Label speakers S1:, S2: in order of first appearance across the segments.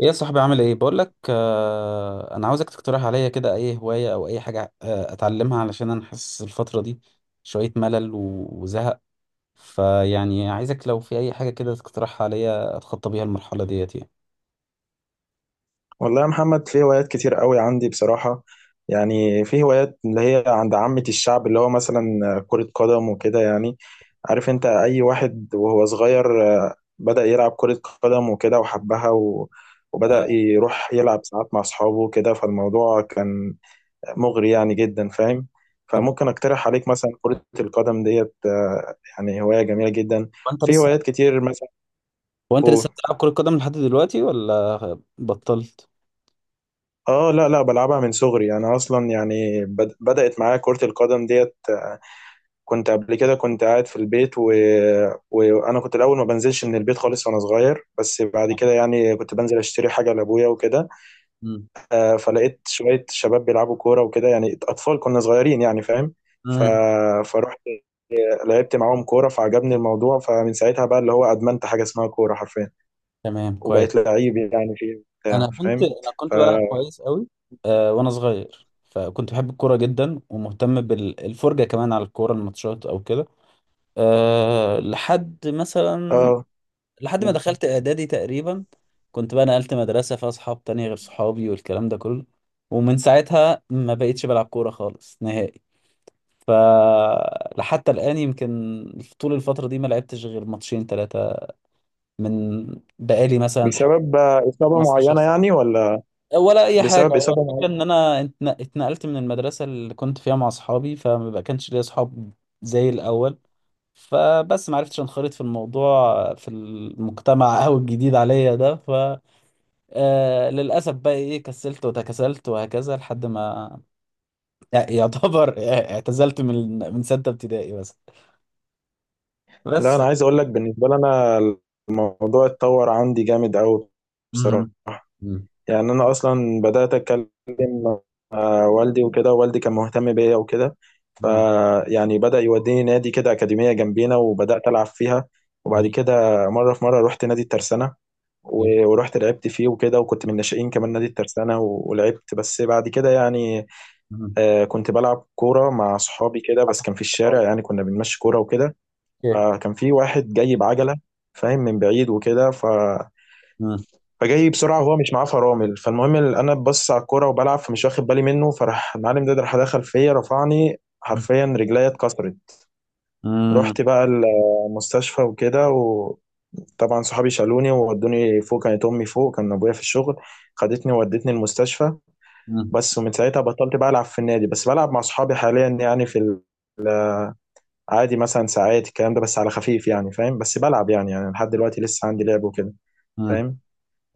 S1: ايه يا صاحبي، عامل ايه؟ بقول لك، انا عاوزك تقترح عليا كده اي هوايه او اي حاجه اتعلمها، علشان انا حاسس الفتره دي شويه ملل وزهق. فيعني عايزك لو في اي حاجه كده تقترحها عليا اتخطى بيها المرحله ديت يعني.
S2: والله يا محمد، في هوايات كتير قوي عندي بصراحة. يعني في هوايات اللي هي عند عامة الشعب، اللي هو مثلا كرة قدم وكده يعني. عارف انت اي واحد وهو صغير، بدأ يلعب كرة قدم وكده وحبها وبدأ يروح يلعب ساعات مع اصحابه وكده. فالموضوع كان مغري يعني جدا، فاهم.
S1: طب
S2: فممكن اقترح عليك مثلا كرة القدم ديت. يعني هواية جميلة جدا.
S1: وانت
S2: في
S1: لسه
S2: هوايات كتير مثلا.
S1: وانت لسه
S2: قول.
S1: بتلعب كره قدم لحد دلوقتي ولا بطلت؟
S2: اه لا لا، بلعبها من صغري. انا اصلا يعني بدأت معايا كرة القدم ديت. كنت قبل كده كنت قاعد في البيت، وانا كنت الاول ما بنزلش من البيت خالص وانا صغير، بس بعد كده يعني كنت بنزل اشتري حاجة لابويا وكده.
S1: امم.
S2: فلقيت شوية شباب بيلعبوا كورة وكده، يعني اطفال كنا صغيرين يعني، فاهم. ف...
S1: امم.
S2: فرحت لعبت معاهم كورة فعجبني الموضوع، فمن ساعتها بقى اللي هو ادمنت حاجة اسمها كورة حرفيا.
S1: تمام كويس.
S2: وبقيت لعيب يعني فيه
S1: انا
S2: بتاع،
S1: كنت
S2: فاهم.
S1: انا
S2: ف
S1: كنت بلعب كويس قوي. وانا صغير فكنت بحب الكوره جدا ومهتم بالفرجه كمان على الكوره، الماتشات او كده. أه لحد مثلا
S2: اه
S1: لحد ما دخلت اعدادي تقريبا، كنت بقى نقلت مدرسة فيها صحاب تانية غير صحابي والكلام ده كله. ومن ساعتها ما بقيتش بلعب كورة خالص نهائي. ف لحتى الآن يمكن طول الفترة دي ما لعبتش غير ماتشين ثلاثة. من بقالي مثلا حوالي
S2: بسبب إصابة
S1: 15
S2: معينة
S1: سنة
S2: يعني، ولا
S1: ولا اي حاجه.
S2: بسبب
S1: هو
S2: إصابة
S1: الفكره
S2: معينة؟
S1: ان انا اتنقلت من المدرسه اللي كنت فيها مع اصحابي، فما بقى كانش ليا اصحاب زي الاول. فبس ما عرفتش انخرط في الموضوع، في المجتمع او الجديد عليا ده. ف للاسف بقى ايه، كسلت وتكاسلت وهكذا لحد ما يعتبر اعتزلت من سته ابتدائي بس.
S2: لا
S1: بس.
S2: أنا عايز أقول لك، بالنسبة لي أنا الموضوع اتطور عندي جامد أوي بصراحة.
S1: مم. مم.
S2: يعني أنا أصلا بدأت أتكلم مع والدي وكده، والدي كان مهتم بيا وكده.
S1: مم.
S2: فيعني بدأ يوديني نادي كده، أكاديمية جنبينا، وبدأت ألعب فيها. وبعد
S1: جميل.
S2: كده مرة في مرة رحت نادي الترسانة،
S1: جميل.
S2: ورحت لعبت فيه وكده، وكنت من الناشئين كمان نادي الترسانة، ولعبت. بس بعد كده يعني،
S1: مم.
S2: كنت بلعب كورة مع صحابي كده، بس
S1: حصل.
S2: كان في الشارع يعني، كنا بنمشي كورة وكده.
S1: اوكي.
S2: كان في واحد جاي بعجلة، فاهم، من بعيد وكده.
S1: مم.
S2: فجاي بسرعة وهو مش معاه فرامل. فالمهم، أنا ببص على الكورة وبلعب فمش واخد بالي منه، فراح المعلم ده راح دخل فيا رفعني،
S1: مم.
S2: حرفيا رجليا اتكسرت. رحت بقى المستشفى وكده. طبعا صحابي شالوني وودوني فوق، كانت امي فوق، كان ابويا في الشغل، خدتني وودتني المستشفى
S1: مم.
S2: بس. ومن ساعتها بطلت بقى العب في النادي، بس بلعب مع صحابي حاليا يعني، في عادي مثلا ساعات الكلام ده بس على خفيف يعني، فاهم. بس بلعب يعني، يعني لحد دلوقتي لسه عندي لعب وكده،
S1: مم.
S2: فاهم.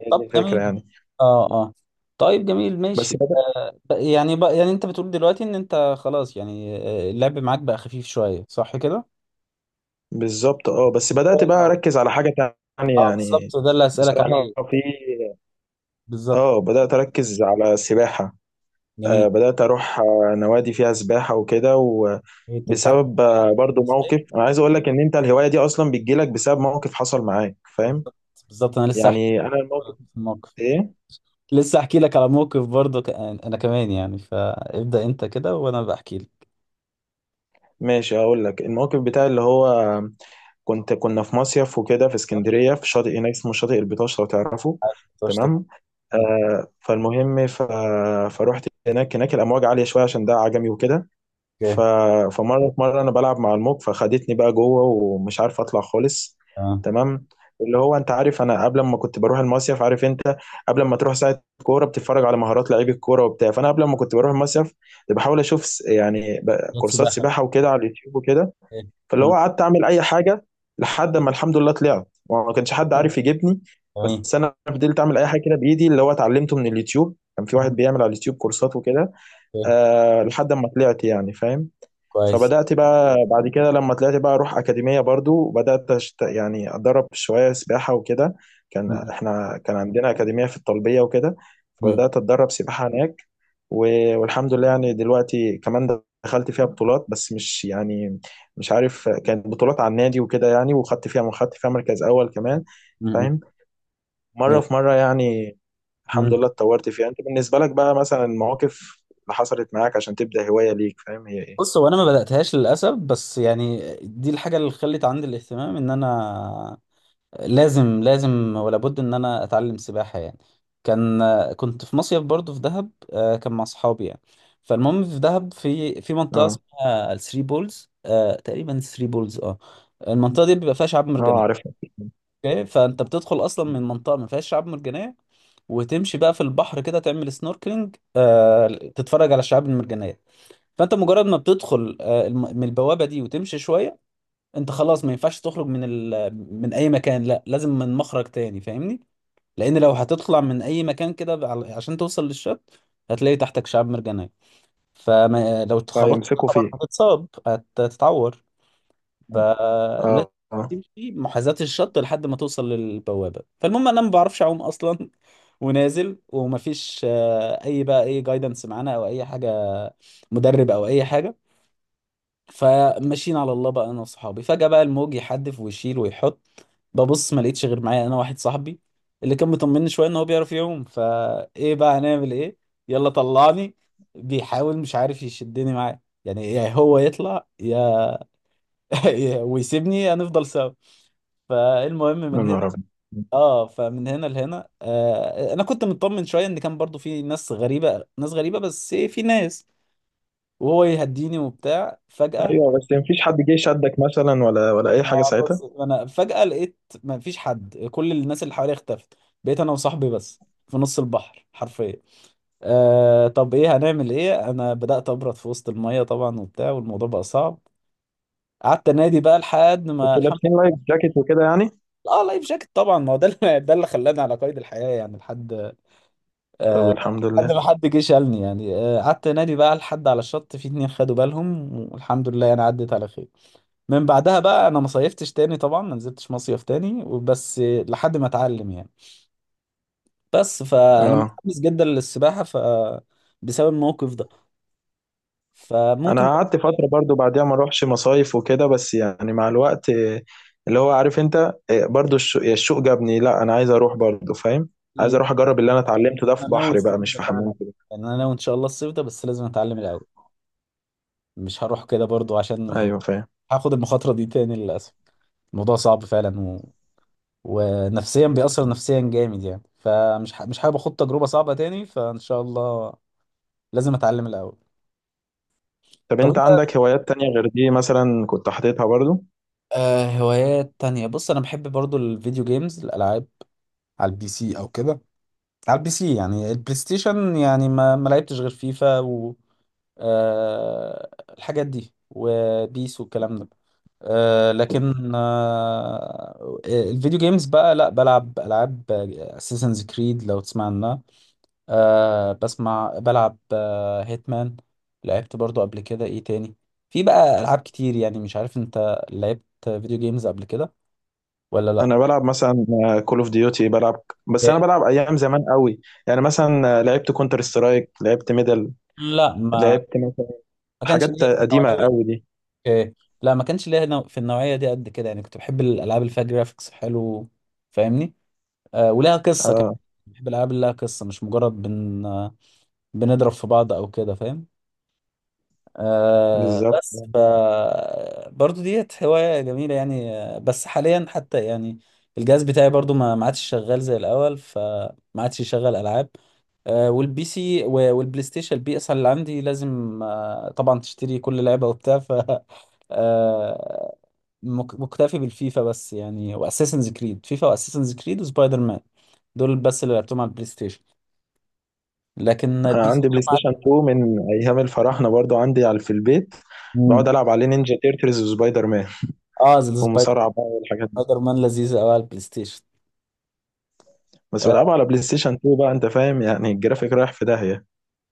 S2: هي دي
S1: طب
S2: الفكرة
S1: جميل.
S2: يعني.
S1: اه اه. طيب جميل
S2: بس
S1: ماشي،
S2: بدأ
S1: يعني بقى يعني انت بتقول دلوقتي ان انت خلاص يعني، اللعب معاك بقى خفيف شويه، صح كده؟
S2: بالظبط، اه بس
S1: مش زي
S2: بدأت بقى
S1: الاول.
S2: أركز على حاجة تانية
S1: اه
S2: يعني.
S1: بالظبط، ده اللي هسألك
S2: بصراحة
S1: عليه.
S2: في اه
S1: بالظبط.
S2: بدأت أركز على السباحة.
S1: جميل.
S2: بدأت أروح نوادي فيها سباحة وكده.
S1: إيه، انت بتعرف؟
S2: وبسبب برضو
S1: صغير.
S2: موقف. أنا عايز أقول لك إن أنت الهواية دي أصلا بتجيلك بسبب موقف حصل معاك، فاهم.
S1: بالظبط. بالظبط انا لسه احكي
S2: يعني أنا الموقف
S1: لك في الموقف.
S2: إيه.
S1: لسه احكي لك على موقف برضه انا كمان يعني، فابدأ انت كده وانا بحكي لك.
S2: ماشي هقول لك الموقف بتاعي، اللي هو كنا في مصيف وكده في
S1: يلا.
S2: اسكندرية، في شاطئ هناك اسمه شاطئ البطاش لو تعرفه.
S1: طيب، طبعا.
S2: تمام. فالمهم، فروحت هناك. هناك الأمواج عالية شوية عشان ده عجمي وكده. ف...
S1: اوكي.
S2: فمرة أنا بلعب مع الموج فخدتني بقى جوه، ومش عارف أطلع خالص.
S1: تمام.
S2: تمام. اللي هو أنت عارف، أنا قبل ما كنت بروح المصيف، عارف أنت قبل ما تروح ساعة كورة بتتفرج على مهارات لعيب الكورة وبتاع، فأنا قبل ما كنت بروح المصيف بحاول أشوف كورسات
S1: سباحه.
S2: سباحة وكده على اليوتيوب وكده.
S1: اوكي.
S2: فاللي هو
S1: مم.
S2: قعدت اعمل اي حاجه لحد ما الحمد لله طلعت، وما كانش حد عارف يجيبني.
S1: تمام.
S2: بس انا فضلت اعمل اي حاجه كده بايدي، اللي هو اتعلمته من اليوتيوب. كان في واحد بيعمل على اليوتيوب كورسات وكده.
S1: اوكي.
S2: أه لحد ما طلعت يعني، فاهم.
S1: كويس.
S2: فبدأت بقى بعد كده لما طلعت بقى أروح أكاديمية برضو، وبدأت يعني أتدرب شوية سباحة وكده. كان
S1: مم.
S2: إحنا كان عندنا أكاديمية في الطلبية وكده.
S1: مم.
S2: فبدأت أتدرب سباحة هناك و... والحمد لله يعني دلوقتي كمان دخلت فيها بطولات، بس مش يعني مش عارف، كانت بطولات على النادي وكده يعني، وخدت فيها، خدت فيها مركز أول كمان،
S1: مم.
S2: فاهم. مرة
S1: جميل.
S2: في مرة يعني الحمد
S1: مم.
S2: لله اتطورت فيها. أنت بالنسبة لك بقى مثلا المواقف اللي حصلت معاك عشان تبدأ هواية ليك، فاهم، هي إيه؟
S1: بص، هو انا ما بداتهاش للاسف، بس يعني دي الحاجه اللي خلت عندي الاهتمام ان انا لازم ولا بد ان انا اتعلم سباحه يعني. كان كنت في مصيف برضو في دهب، كان مع اصحابي يعني. فالمهم في دهب، في منطقه
S2: اه
S1: اسمها الثري بولز، تقريبا ثري بولز اه. المنطقه دي بيبقى فيها شعاب
S2: اه.
S1: مرجانيه.
S2: عارف،
S1: اوكي، فانت بتدخل اصلا من منطقه ما فيهاش شعاب مرجانيه، وتمشي بقى في البحر كده تعمل سنوركلينج، تتفرج على الشعاب المرجانيه. فانت مجرد ما بتدخل من البوابه دي وتمشي شويه، انت خلاص ما ينفعش تخرج من ال... من اي مكان، لا لازم من مخرج تاني فاهمني. لان لو هتطلع من اي مكان كده، عشان توصل للشط، هتلاقي تحتك شعاب مرجانيه. فلو اتخبطت
S2: فيمسكوا
S1: طبعا
S2: فيه.
S1: هتتصاب، هتتعور. فلازم
S2: اه اه،
S1: تمشي محاذاة الشط لحد ما توصل للبوابة. فالمهم انا ما بعرفش اعوم اصلا ونازل ومفيش اي بقى اي جايدنس معانا او اي حاجة، مدرب او اي حاجة. فماشيين على الله بقى انا وصحابي، فجأة بقى الموج يحدف ويشيل ويحط. ببص ما لقيتش غير معايا انا واحد صاحبي اللي كان مطمني شوية ان هو بيعرف يعوم. فايه بقى، هنعمل ايه؟ يلا طلعني. بيحاول، مش عارف يشدني معاه يعني، يا هو يطلع يا ويسيبني هنفضل سوا. فالمهم
S2: يا
S1: من هنا.
S2: نهار أبيض.
S1: اه، فمن هنا لهنا، انا كنت مطمن شويه ان كان برضو في ناس غريبه، ناس غريبه بس إيه، في ناس وهو يهديني وبتاع. فجاه،
S2: ايوه بس مفيش حد جه شدك مثلا، ولا اي حاجه
S1: بص
S2: ساعتها؟
S1: انا فجاه لقيت ما فيش حد، كل الناس اللي حواليا اختفت. بقيت انا وصاحبي بس في نص البحر حرفيا. طب ايه، هنعمل ايه؟ انا بدات ابرد في وسط الميه طبعا وبتاع، والموضوع بقى صعب. قعدت انادي بقى لحد ما
S2: كنتوا
S1: الحمد.
S2: لابسين لايف جاكيت وكده يعني؟
S1: اه لايف جاكيت طبعا، ما هو ده اللي ده اللي خلاني على قيد الحياه يعني. لحد
S2: طب
S1: آه
S2: الحمد
S1: لحد
S2: لله.
S1: ما حد جه شالني يعني. قعدت انادي بقى لحد على الشط في اتنين خدوا بالهم، والحمد لله انا عدت على خير. من بعدها بقى انا ما صيفتش تاني طبعا، ما نزلتش مصيف تاني، وبس لحد ما اتعلم يعني. بس فانا
S2: اه
S1: متحمس جدا للسباحه ف بسبب الموقف ده. فممكن
S2: انا
S1: برضه
S2: قعدت
S1: فعلاً،
S2: فتره برضو بعديها ما اروحش مصايف وكده، بس يعني مع الوقت، اللي هو عارف انت، برضو الشوق جابني، لا انا عايز اروح برضو، فاهم، عايز اروح اجرب اللي انا اتعلمته ده في
S1: انا ناوي
S2: بحر
S1: الصيف
S2: بقى، مش
S1: ده
S2: في حمام
S1: فعلا.
S2: كده.
S1: يعني انا ناوي ان شاء الله الصيف ده، بس لازم اتعلم الاول. مش هروح كده برضو عشان
S2: ايوه فاهم.
S1: هاخد المخاطره دي تاني للاسف. الموضوع صعب فعلا و... ونفسيا بيأثر نفسيا جامد يعني، فمش ح... مش حابب اخد تجربة صعبة تاني، فان شاء الله لازم اتعلم الاول.
S2: طب
S1: طب
S2: انت
S1: انت،
S2: عندك هوايات تانية غير دي مثلا، كنت حاططها برضو؟
S1: هوايات تانية، بص انا بحب برضو الفيديو جيمز، الالعاب على البي سي او كده. على البي سي يعني البلاي ستيشن يعني، ما لعبتش غير فيفا و آه الحاجات دي وبيس والكلام ده. لكن الفيديو جيمز بقى، لا بلعب العاب اساسنز كريد لو تسمع عنها. بسمع. بلعب هيتمان، لعبت برضو قبل كده. ايه تاني؟ في بقى العاب كتير يعني. مش عارف انت لعبت فيديو جيمز قبل كده ولا لا؟
S2: انا بلعب مثلا كول اوف ديوتي بلعب، بس انا
S1: إيه.
S2: بلعب ايام زمان قوي، يعني مثلا لعبت كونتر سترايك، لعبت ميدل،
S1: لا ما
S2: لعبت مثلا
S1: ما كانش
S2: حاجات
S1: ليا في
S2: قديمه
S1: النوعيه.
S2: قوي دي.
S1: إيه. لا ما كانش ليا في النوعيه دي قد كده يعني. كنت بحب الالعاب اللي فيها جرافيكس حلو فاهمني. أه ولها قصه كمان.
S2: اه
S1: بحب الالعاب اللي لها قصه، مش مجرد بن آه، بنضرب في بعض او كده فاهم.
S2: بالظبط.
S1: بس ف برضو ديت هواية جميلة يعني. بس حاليا حتى يعني الجهاز بتاعي برضو ما عادش شغال زي الأول، فما عادش يشغل ألعاب. والبي سي والبلاي ستيشن البي اس اللي عندي، لازم طبعا تشتري كل لعبة وبتاع ف آه. مكتفي بالفيفا بس يعني، واساسنز كريد. فيفا واساسنز كريد وسبايدر مان، دول بس اللي لعبتهم على البلاي ستيشن. لكن
S2: انا
S1: البي سي
S2: عندي
S1: ده
S2: بلاي
S1: ما عاد-.
S2: ستيشن 2 من ايام الفراعنه، برضو عندي على في البيت، بقعد
S1: مم.
S2: العب عليه نينجا تيرتلز وسبايدر مان
S1: اه زي سبايدر.
S2: ومصارعه بقى والحاجات دي.
S1: سبايدر مان لذيذ قوي على البلاي ستيشن.
S2: بس
S1: آه،
S2: بلعبها على بلاي ستيشن 2 بقى، انت فاهم، يعني الجرافيك رايح في داهيه.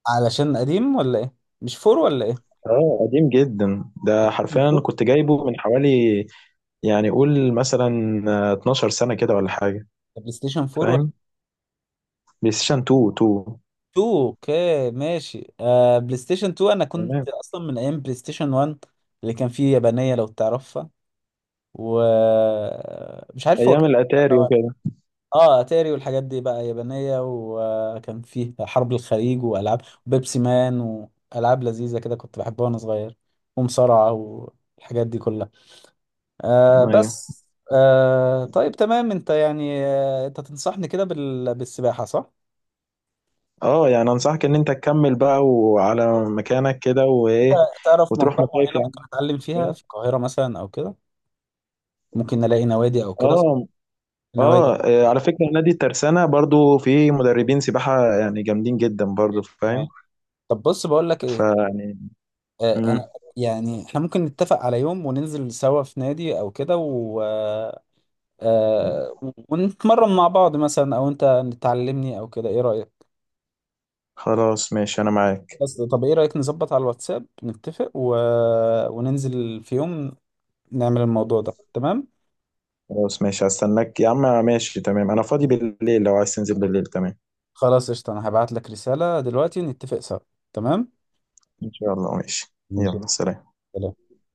S1: علشان قديم ولا ايه؟ مش فور ولا ايه؟
S2: اه قديم جدا ده، حرفيا
S1: الفور؟
S2: كنت جايبه من حوالي، يعني قول مثلا 12 سنه كده ولا حاجه،
S1: بلاي ستيشن 4 ولا
S2: فاهم. بلاي ستيشن 2.
S1: 2؟ اوكي ماشي. آه بلاي ستيشن 2، انا كنت
S2: تمام.
S1: اصلا من ايام بلاي ستيشن 1 اللي كان فيه يابانية لو تعرفها، و مش عارف هو
S2: ايام
S1: كان ولا
S2: الاتاري
S1: واحد.
S2: وكده.
S1: اه اتاري والحاجات دي بقى يابانية، وكان فيه حرب الخليج والعاب بيبسي مان والعاب لذيذة كده كنت بحبها وانا صغير، ومصارعة والحاجات دي كلها.
S2: ايوه.
S1: بس. طيب تمام، انت يعني انت تنصحني كده بال... بالسباحة صح؟
S2: اه يعني انصحك ان انت تكمل بقى وعلى مكانك كده
S1: انت
S2: وايه،
S1: تعرف
S2: وتروح
S1: منطقة
S2: مصايف
S1: معينة
S2: يا عم،
S1: ممكن اتعلم فيها
S2: فاهم؟
S1: في القاهرة مثلا او كده؟ ممكن نلاقي نوادي او كده صح؟
S2: اه
S1: نوادي.
S2: اه. على فكره نادي الترسانه برضو فيه مدربين سباحه يعني جامدين جدا برضو،
S1: تمام.
S2: فاهم.
S1: طب بص بقول لك ايه،
S2: فيعني
S1: انا
S2: مم.
S1: يعني احنا ممكن نتفق على يوم وننزل سوا في نادي او كده و... آه، ونتمرن مع بعض مثلا، او انت تعلمني او كده، ايه رأيك؟
S2: خلاص ماشي انا معاك.
S1: بس طب ايه رأيك نظبط على الواتساب نتفق و... وننزل في يوم نعمل الموضوع ده تمام.
S2: خلاص ماشي هستناك يا عم، ماشي تمام، انا فاضي بالليل لو عايز تنزل بالليل تمام.
S1: خلاص قشطة، أنا هبعت لك رسالة دلوقتي نتفق سوا. تمام
S2: ان شاء الله ماشي.
S1: ماشي.
S2: يلا سلام.